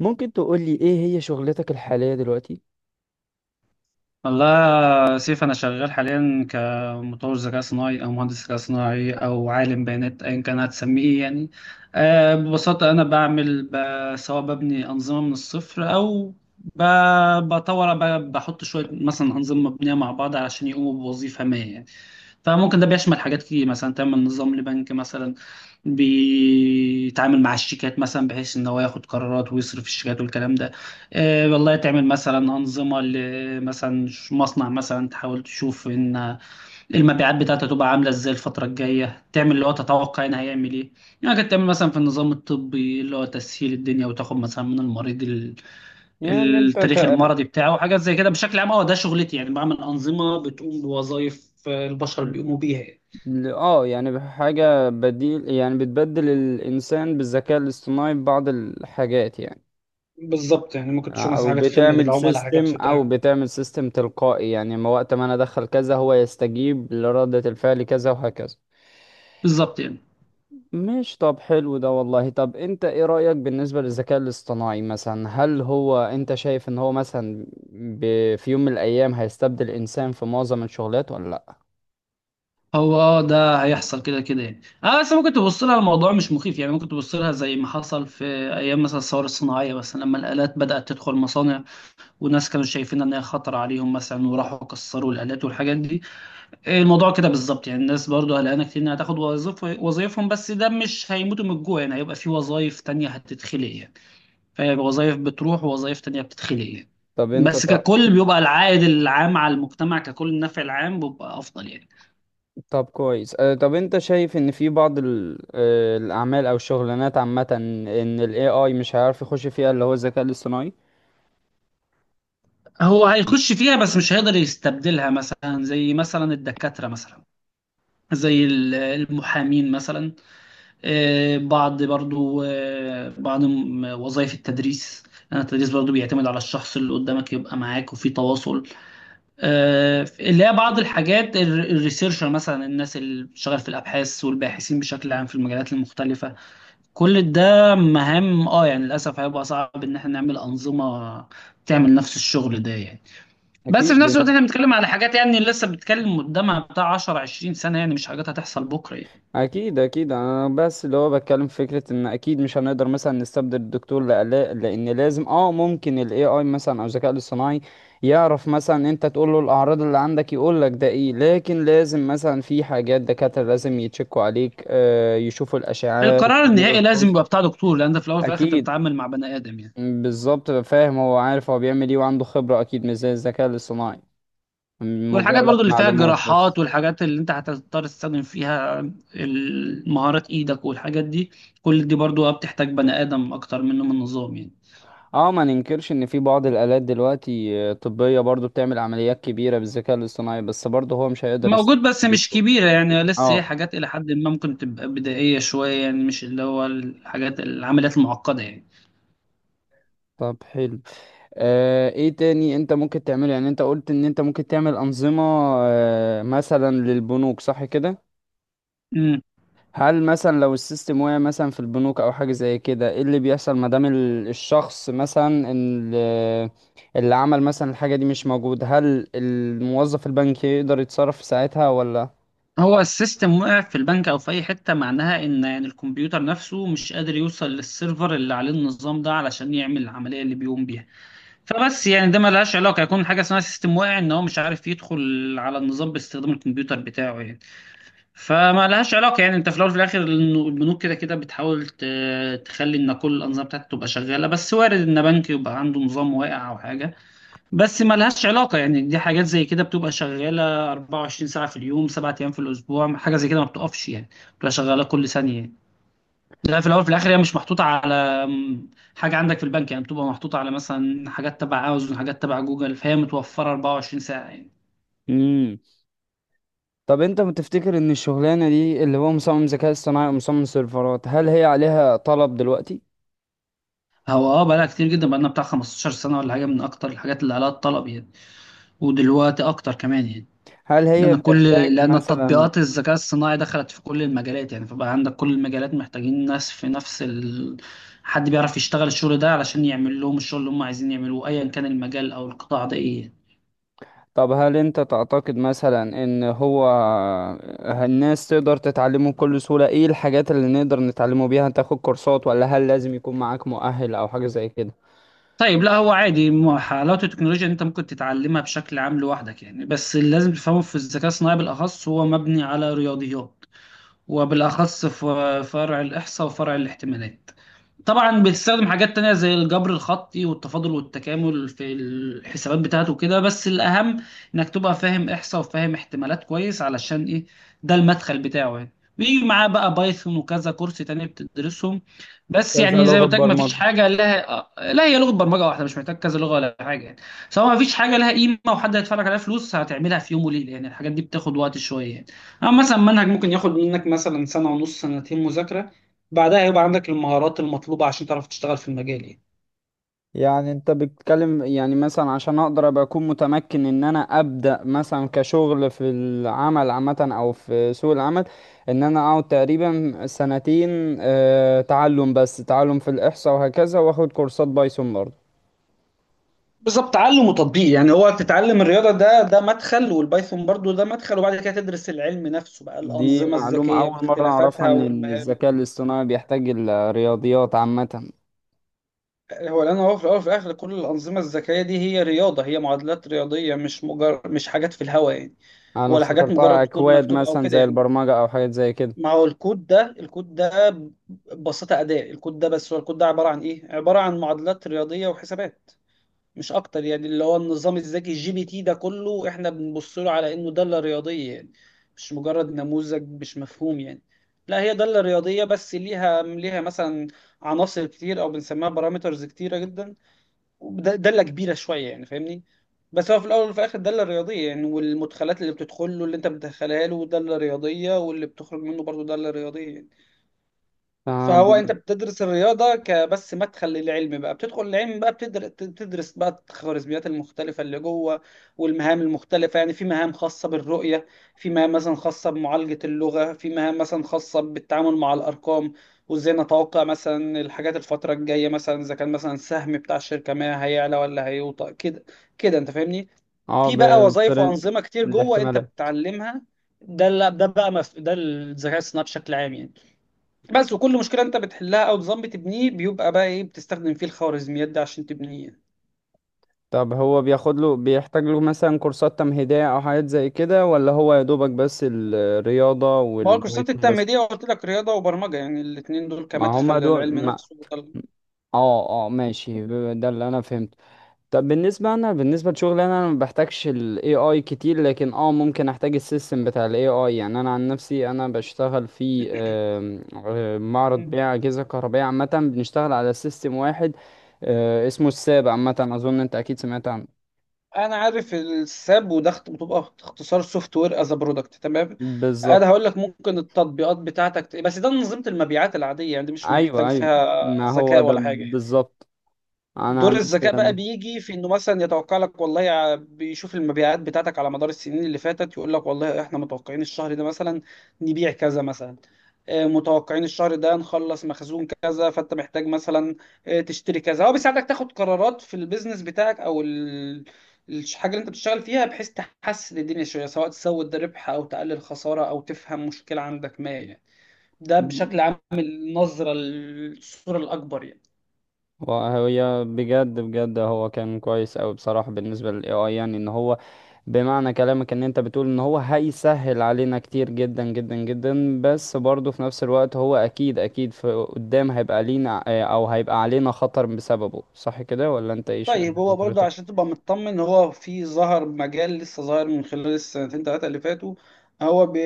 ممكن تقولي ايه هي شغلتك الحالية دلوقتي؟ والله يا سيف، أنا شغال حاليا كمطور ذكاء صناعي أو مهندس ذكاء صناعي أو عالم بيانات أيا كان هتسميه إيه يعني. ببساطة أنا بعمل سواء ببني أنظمة من الصفر أو بطور، بحط شوية مثلا أنظمة مبنية مع بعض علشان يقوموا بوظيفة ما يعني. فممكن ده بيشمل حاجات كتير، مثلا تعمل نظام لبنك مثلا بيتعامل مع الشيكات، مثلا بحيث إن هو ياخد قرارات ويصرف الشيكات والكلام ده. والله تعمل مثلا أنظمة مثلا مصنع مثلا، تحاول تشوف إن المبيعات بتاعته تبقى عاملة إزاي الفترة الجاية، تعمل اللي هو تتوقع إن هيعمل إيه يعني. كنت تعمل مثلا في النظام الطبي، اللي هو تسهيل الدنيا وتاخد مثلا من المريض يعني انت التاريخ تقريبا المرضي بتاعه وحاجات زي كده. بشكل عام هو ده شغلتي يعني، بعمل أنظمة بتقوم بوظائف البشر بيقوموا بيها. اه يعني حاجة بديل، يعني بتبدل الانسان بالذكاء الاصطناعي ببعض الحاجات يعني. بالظبط يعني، ممكن تشوف مثلا او حاجات في خدمة بتعمل العملاء، حاجات سيستم، في او بتاع. بتعمل سيستم تلقائي، يعني ما وقت ما انا ادخل كذا هو يستجيب لردة الفعل كذا وهكذا. بالظبط يعني. مش طب حلو ده والله. طب انت ايه رأيك بالنسبة للذكاء الاصطناعي مثلا؟ هل هو انت شايف ان هو مثلا في يوم من الايام هيستبدل الانسان في معظم الشغلات ولا لا؟ هو ده هيحصل كده كده يعني، بس ممكن تبص لها، الموضوع مش مخيف يعني، ممكن تبص لها زي ما حصل في ايام مثلا الثوره الصناعيه مثلا، لما الالات بدات تدخل مصانع وناس كانوا شايفين ان هي خطر عليهم مثلا وراحوا كسروا الالات والحاجات دي. الموضوع كده بالظبط يعني، الناس برضو قلقانه كتير انها تاخد وظيفهم، بس ده مش هيموتوا من الجوع يعني، هيبقى في وظايف تانية هتتخلق يعني. فهيبقى وظايف بتروح ووظايف تانية بتتخلق يعني. طب انت بس ط- ككل بيبقى العائد العام على المجتمع ككل، النفع العام بيبقى افضل يعني. طب كويس. طب انت شايف ان في بعض ال... آه، الاعمال او الشغلانات عامة ان ال AI مش هيعرف يخش فيها، اللي هو الذكاء الاصطناعي. هو هيخش فيها بس مش هيقدر يستبدلها، مثلا زي مثلا الدكاترة مثلا، زي المحامين مثلا. بعض برضو، بعض وظائف التدريس، لأن التدريس برضو بيعتمد على الشخص اللي قدامك يبقى معاك وفي تواصل. اللي هي بعض الحاجات الريسيرشر مثلا، الناس اللي بتشتغل في الأبحاث والباحثين بشكل عام في المجالات المختلفة. كل ده مهام يعني للأسف هيبقى صعب إن احنا نعمل أنظمة تعمل نفس الشغل ده يعني. بس في اكيد نفس الوقت بن- احنا بنتكلم على حاجات يعني لسه بنتكلم قدامها بتاع 10 20 سنه يعني، مش حاجات هتحصل بكره يعني. اكيد اكيد، انا بس اللي هو بتكلم في فكرة ان اكيد مش هنقدر مثلا نستبدل الدكتور لان لازم، اه ممكن ال AI مثلا او الذكاء الاصطناعي يعرف مثلا، انت تقول له الاعراض اللي عندك يقول لك ده ايه، لكن لازم مثلا في حاجات دكاترة لازم يتشكوا عليك، يشوفوا الاشعاعات القرار يعملوا النهائي لازم الفحوص. يبقى بتاع دكتور، لان انت في الاول وفي الاخر انت اكيد. بتتعامل مع بني ادم يعني. بالظبط، فاهم، هو عارف هو بيعمل ايه وعنده خبرة، اكيد مش زي الذكاء الاصطناعي والحاجات مجرد برضو اللي فيها معلومات جراحات بس. والحاجات اللي انت هتضطر تستخدم فيها مهارات ايدك والحاجات دي، كل دي برضو بتحتاج بني ادم اكتر منه من نظام يعني. اه ما ننكرش ان في بعض الالات دلوقتي، طبية برضو، بتعمل عمليات كبيرة بالذكاء الاصطناعي، بس برضو هو مش هيقدر موجود يستخدم بس مش الدكتور. كبيرة يعني، لسه هي اه. حاجات إلى حد ما ممكن تبقى بدائية شوية يعني، مش اللي هو الحاجات العمليات المعقدة يعني. طب حلو. آه، ايه تاني انت ممكن تعمله؟ يعني انت قلت ان انت ممكن تعمل انظمة، آه مثلا للبنوك، صح كده؟ هل مثلا لو السيستم وقع مثلا في البنوك او حاجه زي كده، ايه اللي بيحصل؟ ما دام الشخص مثلا اللي عمل مثلا الحاجه دي مش موجود، هل الموظف البنكي يقدر يتصرف في ساعتها ولا؟ هو السيستم وقع في البنك او في اي حته، معناها ان يعني الكمبيوتر نفسه مش قادر يوصل للسيرفر اللي عليه النظام ده علشان يعمل العمليه اللي بيقوم بيها. فبس يعني ده ملهاش علاقه يكون حاجه اسمها سيستم واقع، ان هو مش عارف يدخل على النظام باستخدام الكمبيوتر بتاعه يعني. فما لهاش علاقه يعني، انت في الاول وفي الاخر البنوك كده كده بتحاول تخلي ان كل الانظمه بتاعتها تبقى شغاله، بس وارد ان بنك يبقى عنده نظام واقع او حاجه، بس ملهاش علاقة يعني. دي حاجات زي كده بتبقى شغالة 24 ساعة في اليوم، سبعة أيام في الأسبوع، حاجة زي كده ما بتقفش يعني، بتبقى شغالة كل ثانية يعني. لا، في الأول في الآخر هي مش محطوطة على حاجة عندك في البنك يعني، بتبقى محطوطة على مثلا حاجات تبع أمازون، حاجات تبع جوجل، فهي متوفرة 24 ساعة يعني. امم طب انت بتفتكر ان الشغلانه دي، اللي هو مصمم ذكاء اصطناعي ومصمم سيرفرات، هل هي عليها طلب دلوقتي؟ هو بقالها كتير جدا، بقالنا بتاع 15 سنة ولا حاجة، من أكتر الحاجات اللي عليها الطلب يعني. ودلوقتي أكتر كمان يعني. هل هي لأن كل بتحتاج لأن مثلا؟ التطبيقات الذكاء الصناعي دخلت في كل المجالات يعني، فبقى عندك كل المجالات محتاجين ناس في نفس حد بيعرف يشتغل الشغل ده علشان يعمل لهم الشغل اللي هم عايزين يعملوه، أيا كان المجال أو القطاع ده إيه. طب هل انت تعتقد مثلا ان هو الناس تقدر تتعلمه بكل سهولة؟ ايه الحاجات اللي نقدر نتعلمه بيها؟ تاخد كورسات ولا هل لازم يكون معاك مؤهل او حاجة زي كده؟ طيب، لا هو عادي، حلاوة التكنولوجيا إن أنت ممكن تتعلمها بشكل عام لوحدك يعني، بس اللي لازم تفهمه في الذكاء الصناعي بالأخص هو مبني على رياضيات، وبالأخص في فرع الإحصاء وفرع الاحتمالات. طبعا بيستخدم حاجات تانية زي الجبر الخطي والتفاضل والتكامل في الحسابات بتاعته كده، بس الأهم إنك تبقى فاهم إحصاء وفاهم احتمالات كويس، علشان إيه؟ ده المدخل بتاعه يعني. بيجي معاه بقى بايثون وكذا كورس تاني بتدرسهم. بس كذا يعني زي ما لغة قلت لك، مفيش برمجة؟ حاجة لها، لا هي لغة برمجة واحدة، مش محتاج كذا لغة ولا حاجة يعني. سواء مفيش حاجة لها قيمة وحد هيدفع لك عليها فلوس هتعملها في يوم وليلة يعني، الحاجات دي بتاخد وقت شوية يعني. أما مثلا منهج ممكن ياخد منك مثلا سنة ونص، سنتين مذاكرة، بعدها هيبقى عندك المهارات المطلوبة عشان تعرف تشتغل في المجال يعني. يعني انت بتتكلم، يعني مثلا عشان اقدر ابقى اكون متمكن ان انا ابدأ مثلا كشغل في العمل عامة او في سوق العمل، ان انا اقعد تقريبا سنتين، اه، تعلم، بس تعلم في الاحصاء وهكذا، واخد كورسات بايثون برضه؟ بالظبط، تعلم وتطبيق يعني، هو تتعلم الرياضة ده مدخل، والبايثون برضو ده مدخل، وبعد كده تدرس العلم نفسه بقى، دي الأنظمة معلومة الذكية أول مرة أعرفها، باختلافاتها إن والمهارات. الذكاء الاصطناعي بيحتاج الرياضيات عامة. هو لأن هو في الأول وفي الآخر كل الأنظمة الذكية دي هي رياضة، هي معادلات رياضية، مش مجرد مش حاجات في الهوا يعني، أنا ولا حاجات افتكرتها مجرد كود أكواد مكتوب أو مثلا كده زي يعني. البرمجة أو حاجات زي كده. ما هو الكود ده، الكود ده ببساطة أداة، الكود ده بس هو الكود ده عبارة عن إيه؟ عبارة عن معادلات رياضية وحسابات، مش اكتر يعني. اللي هو النظام الذكي الجي بي تي ده كله احنا بنبص له على انه دالة رياضية يعني، مش مجرد نموذج مش مفهوم يعني. لا، هي دالة رياضية، بس ليها مثلا عناصر كتير او بنسميها بارامترز كتيرة جدا، دالة كبيرة شوية يعني، فاهمني؟ بس هو في الاول وفي الاخر دالة رياضية يعني، والمدخلات اللي بتدخله اللي انت بتدخلها له دالة رياضية، واللي بتخرج منه برضه دالة رياضية يعني. آه فهو انت بي- بتدرس الرياضه كبس مدخل للعلم، بقى بتدخل العلم بقى، بتدرس بقى الخوارزميات المختلفه اللي جوه والمهام المختلفه يعني. في مهام خاصه بالرؤيه، في مهام مثلا خاصه بمعالجه اللغه، في مهام مثلا خاصه بالتعامل مع الارقام، وازاي نتوقع مثلا الحاجات الفتره الجايه، مثلا اذا كان مثلا السهم بتاع الشركه ما هيعلى ولا هيوطى كده، كده انت فاهمني. آه، في بقى وظائف بفرن وانظمه كتير جوه انت الاحتمالات. بتتعلمها. ده ال- ده بقى مف... ده الذكاء الصناعي بشكل عام يعني. بس وكل مشكلة انت بتحلها او نظام بتبنيه بيبقى بقى ايه، بتستخدم فيه الخوارزميات دي عشان تبنيه. طب هو بياخد له، بيحتاج له مثلا كورسات تمهيدية أو حاجات زي كده، ولا هو يا دوبك بس الرياضة ما هو الكورسات والبايثون بس؟ التمهيدية قلت لك رياضة وبرمجة يعني، الاتنين دول ما كمدخل هما دول للعلم ما. نفسه اه، اه، ماشي، ده اللي أنا فهمته. طب بالنسبة، أنا بالنسبة لشغلي أنا ما بحتاجش ال AI كتير، لكن اه ممكن أحتاج السيستم بتاع ال AI. يعني أنا عن نفسي، أنا بشتغل في آم، آه، معرض مم. بيع أجهزة كهربائية عامة. بنشتغل على سيستم واحد، اسمه الساب عامة، أظن أنت أكيد سمعت عنه. انا عارف الساب، وده بتبقى اختصار سوفت وير از برودكت، تمام. انا بالظبط. هقول لك ممكن التطبيقات بتاعتك بس ده منظومة المبيعات العادية يعني، دي مش أيوه، محتاج أيوه، فيها ما هو ذكاء ده ولا حاجة يعني. بالظبط. أنا دور عن نفسي الذكاء بقى أنا. بيجي في انه مثلا يتوقع لك، والله بيشوف المبيعات بتاعتك على مدار السنين اللي فاتت، يقول لك والله احنا متوقعين الشهر ده مثلا نبيع كذا مثلا. متوقعين الشهر ده نخلص مخزون كذا، فانت محتاج مثلا تشتري كذا. هو بيساعدك تاخد قرارات في البيزنس بتاعك او الحاجه اللي انت بتشتغل فيها، بحيث تحسن الدنيا شويه، سواء تزود الربح او تقلل خساره او تفهم مشكله عندك ما يعني. ده بشكل عام النظره، الصوره الاكبر يعني. وهي بجد بجد هو كان كويس أوي بصراحة بالنسبة لل AI، يعني إن هو، بمعنى كلامك ان انت بتقول ان هو هيسهل علينا كتير جدا جدا جدا، بس برضه في نفس الوقت هو اكيد اكيد في قدام هيبقى لينا، او هيبقى علينا خطر بسببه، صح كده ولا انت ايش؟ طيب، هو برضه حضرتك. عشان تبقى مطمن، هو في ظهر مجال لسه ظاهر من خلال السنتين ثلاثة اللي فاتوا. هو ب-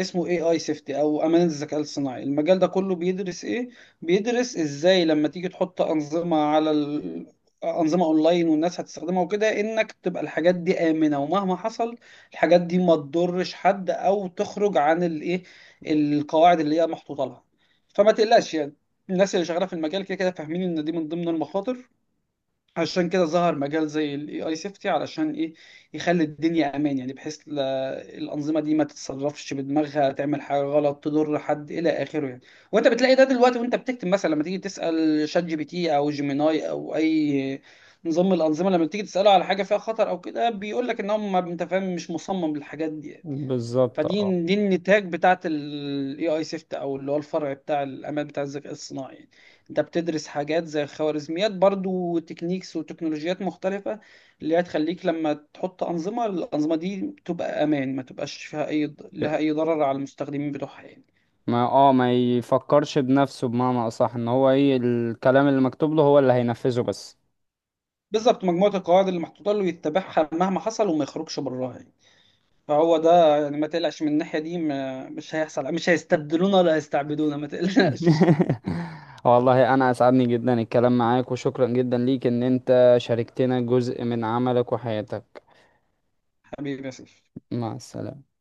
اسمه اي اي سيفتي، او امان الذكاء الصناعي. المجال ده كله بيدرس ايه؟ بيدرس ازاي لما تيجي تحط انظمة على انظمة اونلاين، والناس هتستخدمها وكده، انك تبقى الحاجات دي آمنة، ومهما حصل الحاجات دي ما تضرش حد او تخرج عن الايه، القواعد اللي هي محطوطة لها. فما تقلقش يعني، الناس اللي شغالة في المجال كده كده فاهمين ان دي من ضمن المخاطر. عشان كده ظهر مجال زي الاي اي سيفتي، علشان ايه؟ يخلي الدنيا امان يعني، بحيث الانظمه دي ما تتصرفش بدماغها تعمل حاجه غلط تضر حد الى اخره يعني. وانت بتلاقي ده دلوقتي، وانت بتكتب مثلا لما تيجي تسال شات جي بي تي او جيميناي او اي نظام من الانظمه، لما تيجي تساله على حاجه فيها خطر او كده بيقول لك ان هم انت فاهم مش مصمم للحاجات دي يعني. بالظبط. اه، فدي النتاج بتاعت الاي اي سيفت، او اللي هو الفرع بتاع الامان بتاع الذكاء الصناعي يعني. انت بتدرس حاجات زي خوارزميات برضو، وتكنيكس وتكنولوجيات مختلفة، اللي هي تخليك لما تحط أنظمة الأنظمة دي تبقى أمان، ما تبقاش فيها أي ضرر على المستخدمين بتوعها يعني. ما يفكرش بنفسه، بمعنى اصح، ان هو ايه الكلام اللي مكتوب له هو اللي هينفذه بس. بالظبط، مجموعة القواعد اللي محطوطة له يتبعها مهما حصل وما يخرجش براها يعني. فهو ده يعني ما تقلقش من الناحية دي، ما مش هيحصل، مش هيستبدلونا ولا هيستعبدونا، ما تقلقش. والله انا اسعدني جدا الكلام معاك، وشكرا جدا ليك ان انت شاركتنا جزء من عملك وحياتك. حبيبي يا سيف. مع السلامة.